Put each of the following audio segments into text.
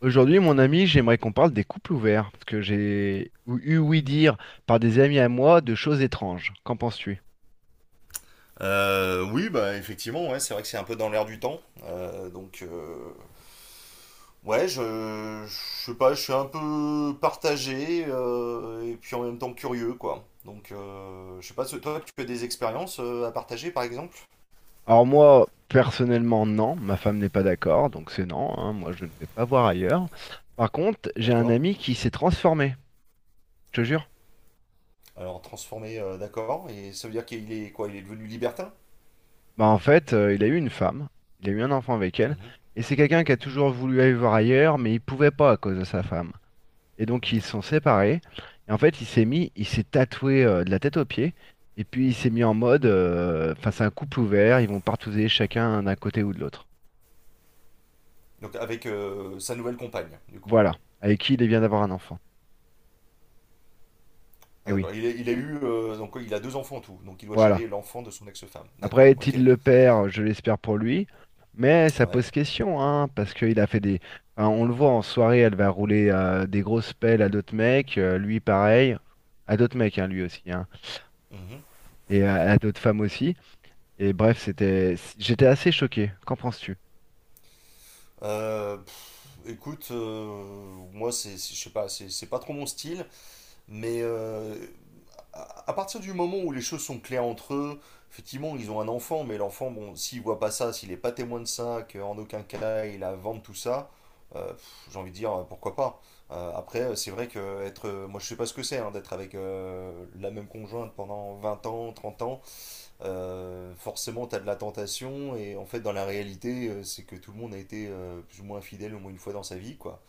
Aujourd'hui, mon ami, j'aimerais qu'on parle des couples ouverts, parce que j'ai eu ouï dire par des amis à moi de choses étranges. Qu'en penses-tu? Oui, bah effectivement, ouais, c'est vrai que c'est un peu dans l'air du temps. Ouais, je sais pas, je suis un peu partagé et puis en même temps curieux, quoi. Je sais pas, toi, tu as des expériences à partager, par exemple? Alors moi, personnellement, non, ma femme n'est pas d'accord, donc c'est non, hein, moi je ne vais pas voir ailleurs. Par contre, j'ai un D'accord. ami qui s'est transformé, je te jure. Alors, transformé, d'accord. Et ça veut dire qu'il est quoi? Il est devenu libertin? Bah en fait, il a eu une femme, il a eu un enfant avec elle, Mhm. et c'est quelqu'un qui a Mhm. toujours voulu aller voir ailleurs, mais il pouvait pas à cause de sa femme. Et donc Mhm. ils se sont séparés. Et en fait, il s'est tatoué de la tête aux pieds. Et puis il s'est Mhm. mis en mode, enfin c'est un couple ouvert, ils vont partouzer chacun d'un côté ou de l'autre. Donc, avec sa nouvelle compagne, du coup. Voilà. Avec qui il vient d'avoir un enfant. Et Ah, oui, d'accord. Il a eu, donc, il a deux enfants en tout. Donc, il doit voilà. gérer l'enfant de son ex-femme. Après, D'accord, est-il ok. le père? Je l'espère pour lui. Mais ça Ouais. pose question, hein, parce qu'il a fait des, enfin, on le voit en soirée, elle va rouler des grosses pelles à d'autres mecs. Lui, pareil. À d'autres mecs, hein, lui aussi, hein. Mhm. Et à d'autres femmes aussi. Et bref, c'était. J'étais assez choqué. Qu'en penses-tu? Pff, écoute, moi, je sais pas, c'est pas trop mon style, mais à partir du moment où les choses sont claires entre eux, effectivement, ils ont un enfant, mais l'enfant, bon, s'il voit pas ça, s'il est pas témoin de ça, qu'en aucun cas il a à vendre tout ça, j'ai envie de dire, pourquoi pas. Après, c'est vrai que être, moi, je sais pas ce que c'est, hein, d'être avec la même conjointe pendant 20 ans, 30 ans, forcément, tu as de la tentation, et en fait, dans la réalité, c'est que tout le monde a été plus ou moins fidèle au moins une fois dans sa vie, quoi.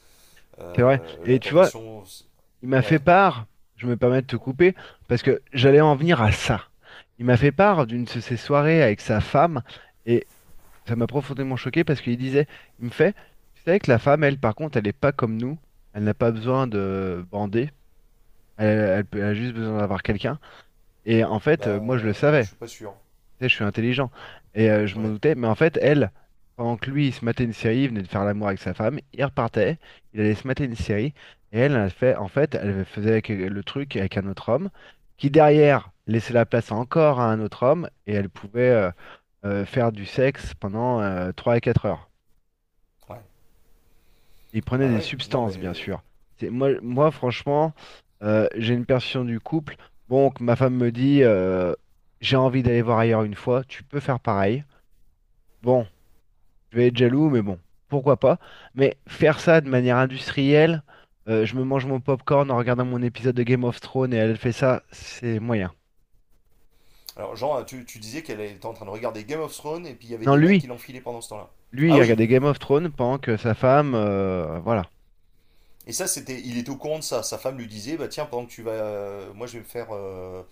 C'est vrai. Et La tu vois, tentation, il m'a ouais, fait part, je me permets de te couper, parce que j'allais en venir à ça. Il m'a fait part d'une de ses soirées avec sa femme, et ça m'a profondément choqué parce qu'il disait, il me fait, tu savais que la femme, elle, par contre, elle n'est pas comme nous, elle n'a pas besoin de bander, elle, elle a juste besoin d'avoir quelqu'un. Et en fait, bah, moi, je le je savais. suis pas sûr. Tu sais, je suis intelligent. Et je m'en Ouais, doutais. Mais en fait, elle, pendant que lui, il se matait une série, il venait de faire l'amour avec sa femme, il repartait, il allait se mater une série. Et elle, elle fait, en fait, elle faisait le truc avec un autre homme, qui derrière laissait la place encore à un autre homme, et elle pouvait faire du sexe pendant 3 à 4 heures. ouais, Il prenait bah des ouais, non substances, bien mais. sûr. C'est, moi, franchement, j'ai une perception du couple. Bon, que ma femme me dit, j'ai envie d'aller voir ailleurs une fois, tu peux faire pareil. Bon. Je vais être jaloux, mais bon, pourquoi pas. Mais faire ça de manière industrielle, je me mange mon popcorn en regardant mon épisode de Game of Thrones et elle fait ça, c'est moyen. Alors, Jean, tu disais qu'elle était en train de regarder Game of Thrones, et puis il y avait Non, des mecs lui, qui l'enfilaient pendant ce temps-là. lui, Ah il oui! regardait Game of Thrones pendant que sa femme, voilà. Et ça, c'était, il était au courant de ça. Sa femme lui disait, bah tiens, pendant que tu vas, moi je vais me faire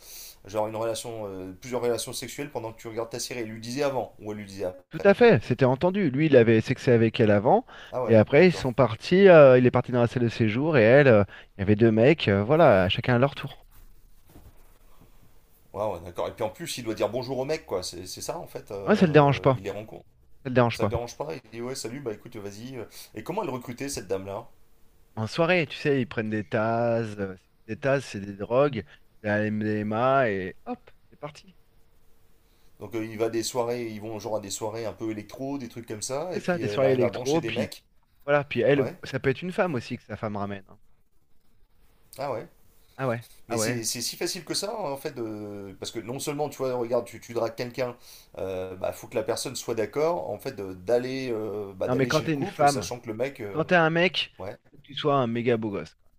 genre une relation, plusieurs relations sexuelles pendant que tu regardes ta série. Elle lui disait avant, ou elle lui disait Tout après. à fait, c'était entendu. Lui, il avait sexé avec elle avant, Ah et ouais, après, ils d'accord. sont partis, il est parti dans la salle de séjour, et elle, il y avait deux mecs, voilà, chacun à leur tour. Ouais, ouais, d'accord. Et puis en plus, il doit dire bonjour au mec, quoi. C'est ça, en fait. Ouais, ça le dérange pas, Il les ça rencontre. le dérange Ça le pas. dérange pas? Il dit, ouais, salut, bah écoute, vas-y. Et comment elle recrutait, cette dame-là? En soirée, tu sais, ils prennent des tasses. Des tasses, c'est des drogues, de la MDMA et hop, c'est parti. Donc, il va à des soirées, ils vont genre à des soirées un peu électro, des trucs comme ça. C'est Et ça, puis, des elle soirées arrive à brancher électro, des puis mecs. voilà, puis elle, Ouais. ça peut être une femme aussi que sa femme ramène, hein. Ah ouais. Ah ouais, ah Mais ouais. c'est si facile que ça, hein, en fait. Parce que non seulement, tu vois, regarde, tu dragues quelqu'un, bah, faut que la personne soit d'accord, en fait, d'aller bah, Non mais d'aller quand chez le t'es une couple, femme, sachant que le mec. Quand t'es un mec, Ouais, il faut que tu sois un méga beau gosse, quoi.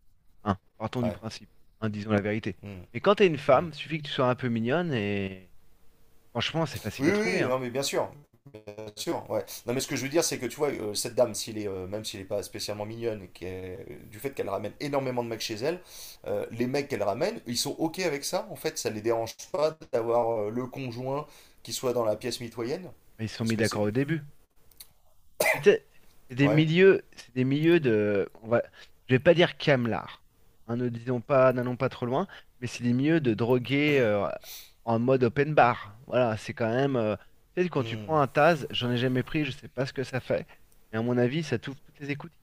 Hein, partons du ouais. principe, hein, disons la vérité. Hmm. Mais quand t'es une Hmm. femme, suffit que tu sois un peu mignonne et franchement, c'est facile Oui, à oui, trouver, oui, hein. non, mais bien sûr. Sûr, ouais. Non, mais ce que je veux dire, c'est que tu vois, cette dame, même s'il n'est pas spécialement mignonne, du fait qu'elle ramène énormément de mecs chez elle, les mecs qu'elle ramène, ils sont OK avec ça, en fait, ça les dérange pas d'avoir le conjoint qui soit dans la pièce mitoyenne. Ils se sont Parce mis que c'est. d'accord au début. Puis tu sais, Ouais. C'est des milieux de, on va, je vais pas dire camelard, hein, ne disons pas, n'allons pas trop loin, mais c'est des milieux de drogués en mode open bar. Voilà, c'est quand même, tu sais, quand tu Hmm. prends un Taz, j'en ai jamais pris, je sais pas ce que ça fait, mais à mon avis, ça t'ouvre toutes les écoutilles.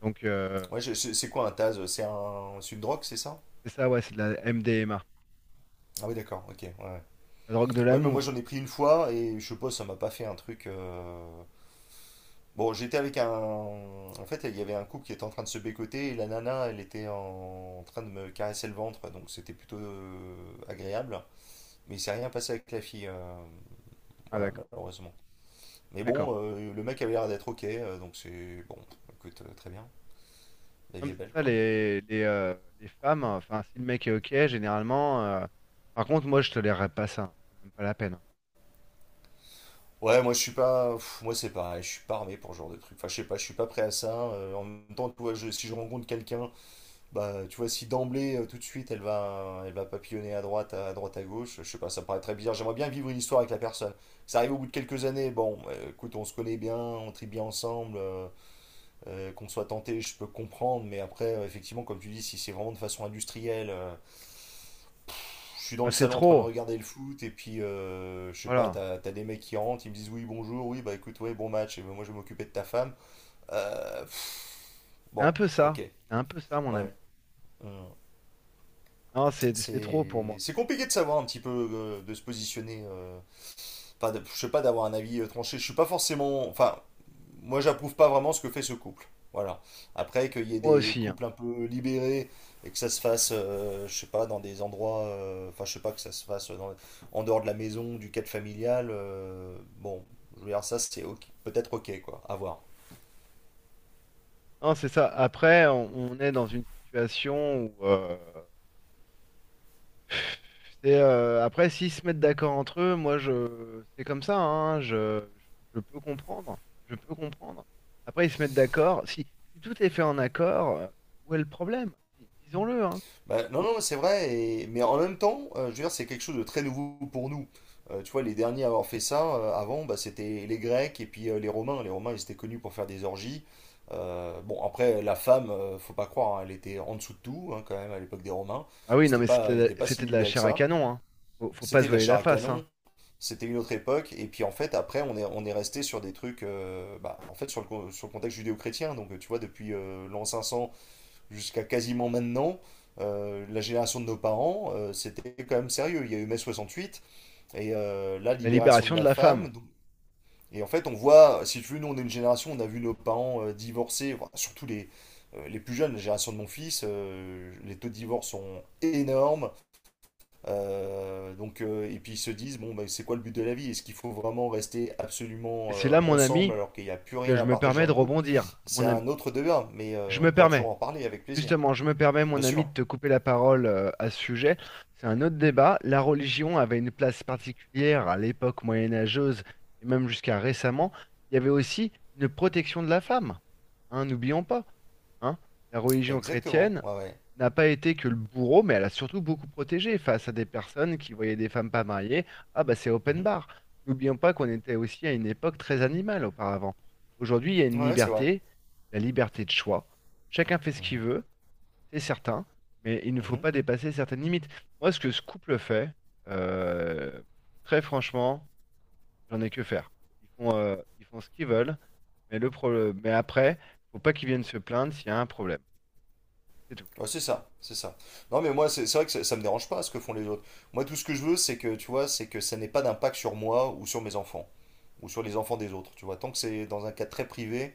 Donc Ouais, c'est quoi un Taz? C'est une drogue, c'est ça? c'est ça, ouais, c'est de la MDMA, Ah oui, d'accord, ok, ouais. la drogue de Ouais, mais moi l'amour. j'en ai pris une fois et je sais pas, ça m'a pas fait un truc. Bon, j'étais avec un. En fait, il y avait un couple qui était en train de se bécoter et la nana, elle était en train de me caresser le ventre, donc c'était plutôt agréable. Mais il s'est rien passé avec la fille, Ah voilà, d'accord, malheureusement. Mais d'accord. bon, le mec avait l'air d'être ok, donc c'est bon, écoute, très bien. La Non, vie mais est belle, c'est ça quoi. Les femmes. Enfin, si le mec est ok, généralement. Par contre, moi, je tolérerais pas ça, hein. C'est même pas la peine, hein. Ouais, moi je suis pas. Pff, moi c'est pareil, je suis pas armé pour ce genre de truc. Enfin, je sais pas, je suis pas prêt à ça. En même temps, tu vois, si je rencontre quelqu'un. Bah, tu vois, si d'emblée, tout de suite, elle va papillonner à droite, à droite, à gauche, je sais pas, ça me paraît très bizarre. J'aimerais bien vivre une histoire avec la personne. Ça arrive au bout de quelques années, bon, écoute, on se connaît bien, on tripe bien ensemble, qu'on soit tenté, je peux comprendre, mais après, effectivement, comme tu dis, si c'est vraiment de façon industrielle, je suis dans Ah, le c'est salon en train de trop. regarder le foot, et puis, je sais pas, Voilà. T'as des mecs qui rentrent, ils me disent oui, bonjour, oui, bah écoute, ouais, bon match, et ben, moi je vais m'occuper de ta femme. Euh, pff, C'est un bon, peu ok, ça. C'est un peu ça, mon ouais. ami. Hum. Non, c'est trop pour C'est moi. c'est compliqué de savoir un petit peu de se positionner. Enfin, je sais pas, d'avoir un avis tranché. Je suis pas forcément. Enfin, moi, j'approuve pas vraiment ce que fait ce couple. Voilà. Après, qu'il y ait Moi des aussi, hein. couples un peu libérés et que ça se fasse, je sais pas, dans des endroits. Enfin, je sais pas, que ça se fasse en dehors de la maison, du cadre familial. Bon, je veux dire, ça, peut-être ok, quoi. À voir. Non, c'est ça. Après, on est dans une situation où c'est après s'ils se mettent d'accord entre eux, moi je c'est comme ça, hein, je peux comprendre. Je peux comprendre. Après, ils se mettent d'accord. Si tout est fait en accord, où est le problème? Disons-le, hein. Bah, non, Où- non, c'est vrai, mais en même temps, je veux dire, c'est quelque chose de très nouveau pour nous. Tu vois, les derniers à avoir fait ça, avant, bah, c'était les Grecs et puis les Romains. Les Romains, ils étaient connus pour faire des orgies. Bon, après, la femme, faut pas croire, hein, elle était en dessous de tout, hein, quand même, à l'époque des Romains. Ah oui, non, C'était mais pas, elle c'était n'était pas si c'était de la libérée que chair à ça. canon. Hein. Faut pas se C'était de la voiler chair la à face, hein. canon, c'était une autre époque. Et puis, en fait, après, on est resté sur des trucs, bah, en fait, sur le contexte judéo-chrétien. Donc, tu vois, depuis l'an 500 jusqu'à quasiment maintenant, la génération de nos parents, c'était quand même sérieux. Il y a eu mai 68 et la La libération de libération de la la femme. femme. Donc- Et en fait, on voit, si tu veux, nous, on est une génération, on a vu nos parents divorcer, enfin, surtout les plus jeunes, la génération de mon fils, les taux de divorce sont énormes. Et puis ils se disent, bon, bah, c'est quoi le but de la vie? Est-ce qu'il faut vraiment rester Et absolument c'est là, mon ami, ensemble alors qu'il n'y a plus que rien je à me partager permets dans de le couple? rebondir. C'est Mon ami, un autre débat, mais je on me pourra toujours permets, en parler avec plaisir. justement, je me permets, Bien mon ami, sûr. de te couper la parole à ce sujet. C'est un autre débat. La religion avait une place particulière à l'époque moyenâgeuse et même jusqu'à récemment. Il y avait aussi une protection de la femme. Hein, n'oublions pas, hein. La religion Exactement, chrétienne ouais, ouais. n'a pas été que le bourreau, mais elle a surtout beaucoup protégé face à des personnes qui voyaient des femmes pas mariées. Ah bah c'est open Mhm. bar. N'oublions pas qu'on était aussi à une époque très animale auparavant. Aujourd'hui, il y a une Ouais, c'est vrai. liberté, la liberté de choix. Chacun fait ce qu'il Mhm. veut, c'est certain, mais il ne faut Mhm. pas dépasser certaines limites. Moi, ce que ce couple fait, euh, très franchement, j'en ai que faire. Ils font ce qu'ils veulent, mais le problème, mais après, faut pas qu'ils viennent se plaindre s'il y a un problème. C'est tout. Ouais, c'est ça, c'est ça. Non, mais moi, c'est vrai que ça me dérange pas ce que font les autres. Moi, tout ce que je veux, c'est que, tu vois, c'est que ça n'ait pas d'impact sur moi ou sur mes enfants, ou sur les enfants des autres, tu vois. Tant que c'est dans un cadre très privé,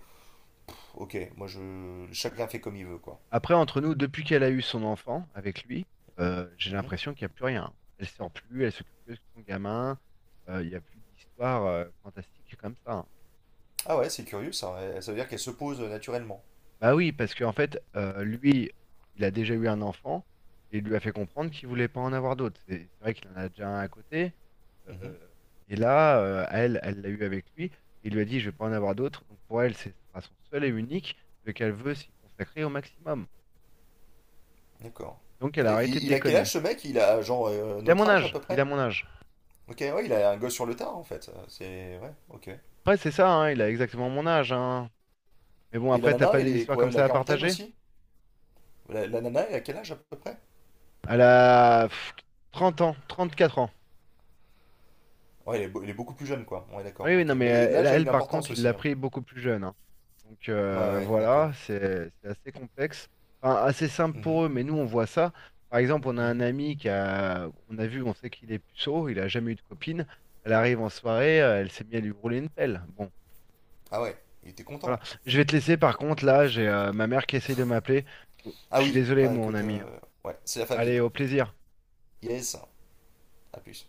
ok, moi, chacun fait comme il veut, quoi. Après, entre nous, depuis qu'elle a eu son enfant avec lui, j'ai Mhm. l'impression qu'il n'y a plus rien. Elle sort plus, elle s'occupe que de son gamin. Il n'y a plus d'histoire fantastique comme ça, hein. Ah ouais, c'est curieux, ça. Ça veut dire qu'elle se pose naturellement. Bah oui, parce qu'en fait, lui, il a déjà eu un enfant et il lui a fait comprendre qu'il voulait pas en avoir d'autres. C'est vrai qu'il en a déjà un à côté. Mhm. euh, et là, elle, elle l'a eu avec lui. Il lui a dit, je vais pas en avoir d'autres. Donc pour elle, ce sera son seul et unique, lequel elle veut s'y consacrer au maximum. D'accord. Donc elle a Et arrêté de il a quel déconner. âge, ce mec? Il a, genre, Il a notre mon âge, à âge, peu il près? a mon âge. Ok, ouais, il a un gosse sur le tard, en fait. Ouais, ok. Après, c'est ça, hein, il a exactement mon âge, hein. Mais bon, Et la après, t'as nana, pas elle des est histoires comme quoi, la ça à quarantaine partager? aussi? La nana, elle a quel âge à peu près? Elle a 30 ans, 4 ans. Ouais, elle est beaucoup plus jeune, quoi. Ouais, Oui, d'accord, oui, non, ok. mais Mais elle, l'âge a une elle, par importance contre, il l'a aussi, hein. pris beaucoup plus jeune, hein. Donc Ouais, ouais, voilà, d'accord. c'est assez complexe. Enfin, assez simple Mhm. pour eux, mais nous, on voit ça. Par exemple, on a un Mhm. ami qui a, on a vu, on sait qu'il est puceau, il a jamais eu de copine. Elle arrive en soirée, elle s'est mise à lui rouler une pelle. Bon, Ah ouais, il était voilà. content. Je vais te laisser, par contre, là, j'ai ma mère qui essaye de m'appeler. Ah Je suis oui, désolé, bah mon écoute, ami, hein. Ouais, c'est la famille. Allez, Hein. au plaisir. Yes, à plus.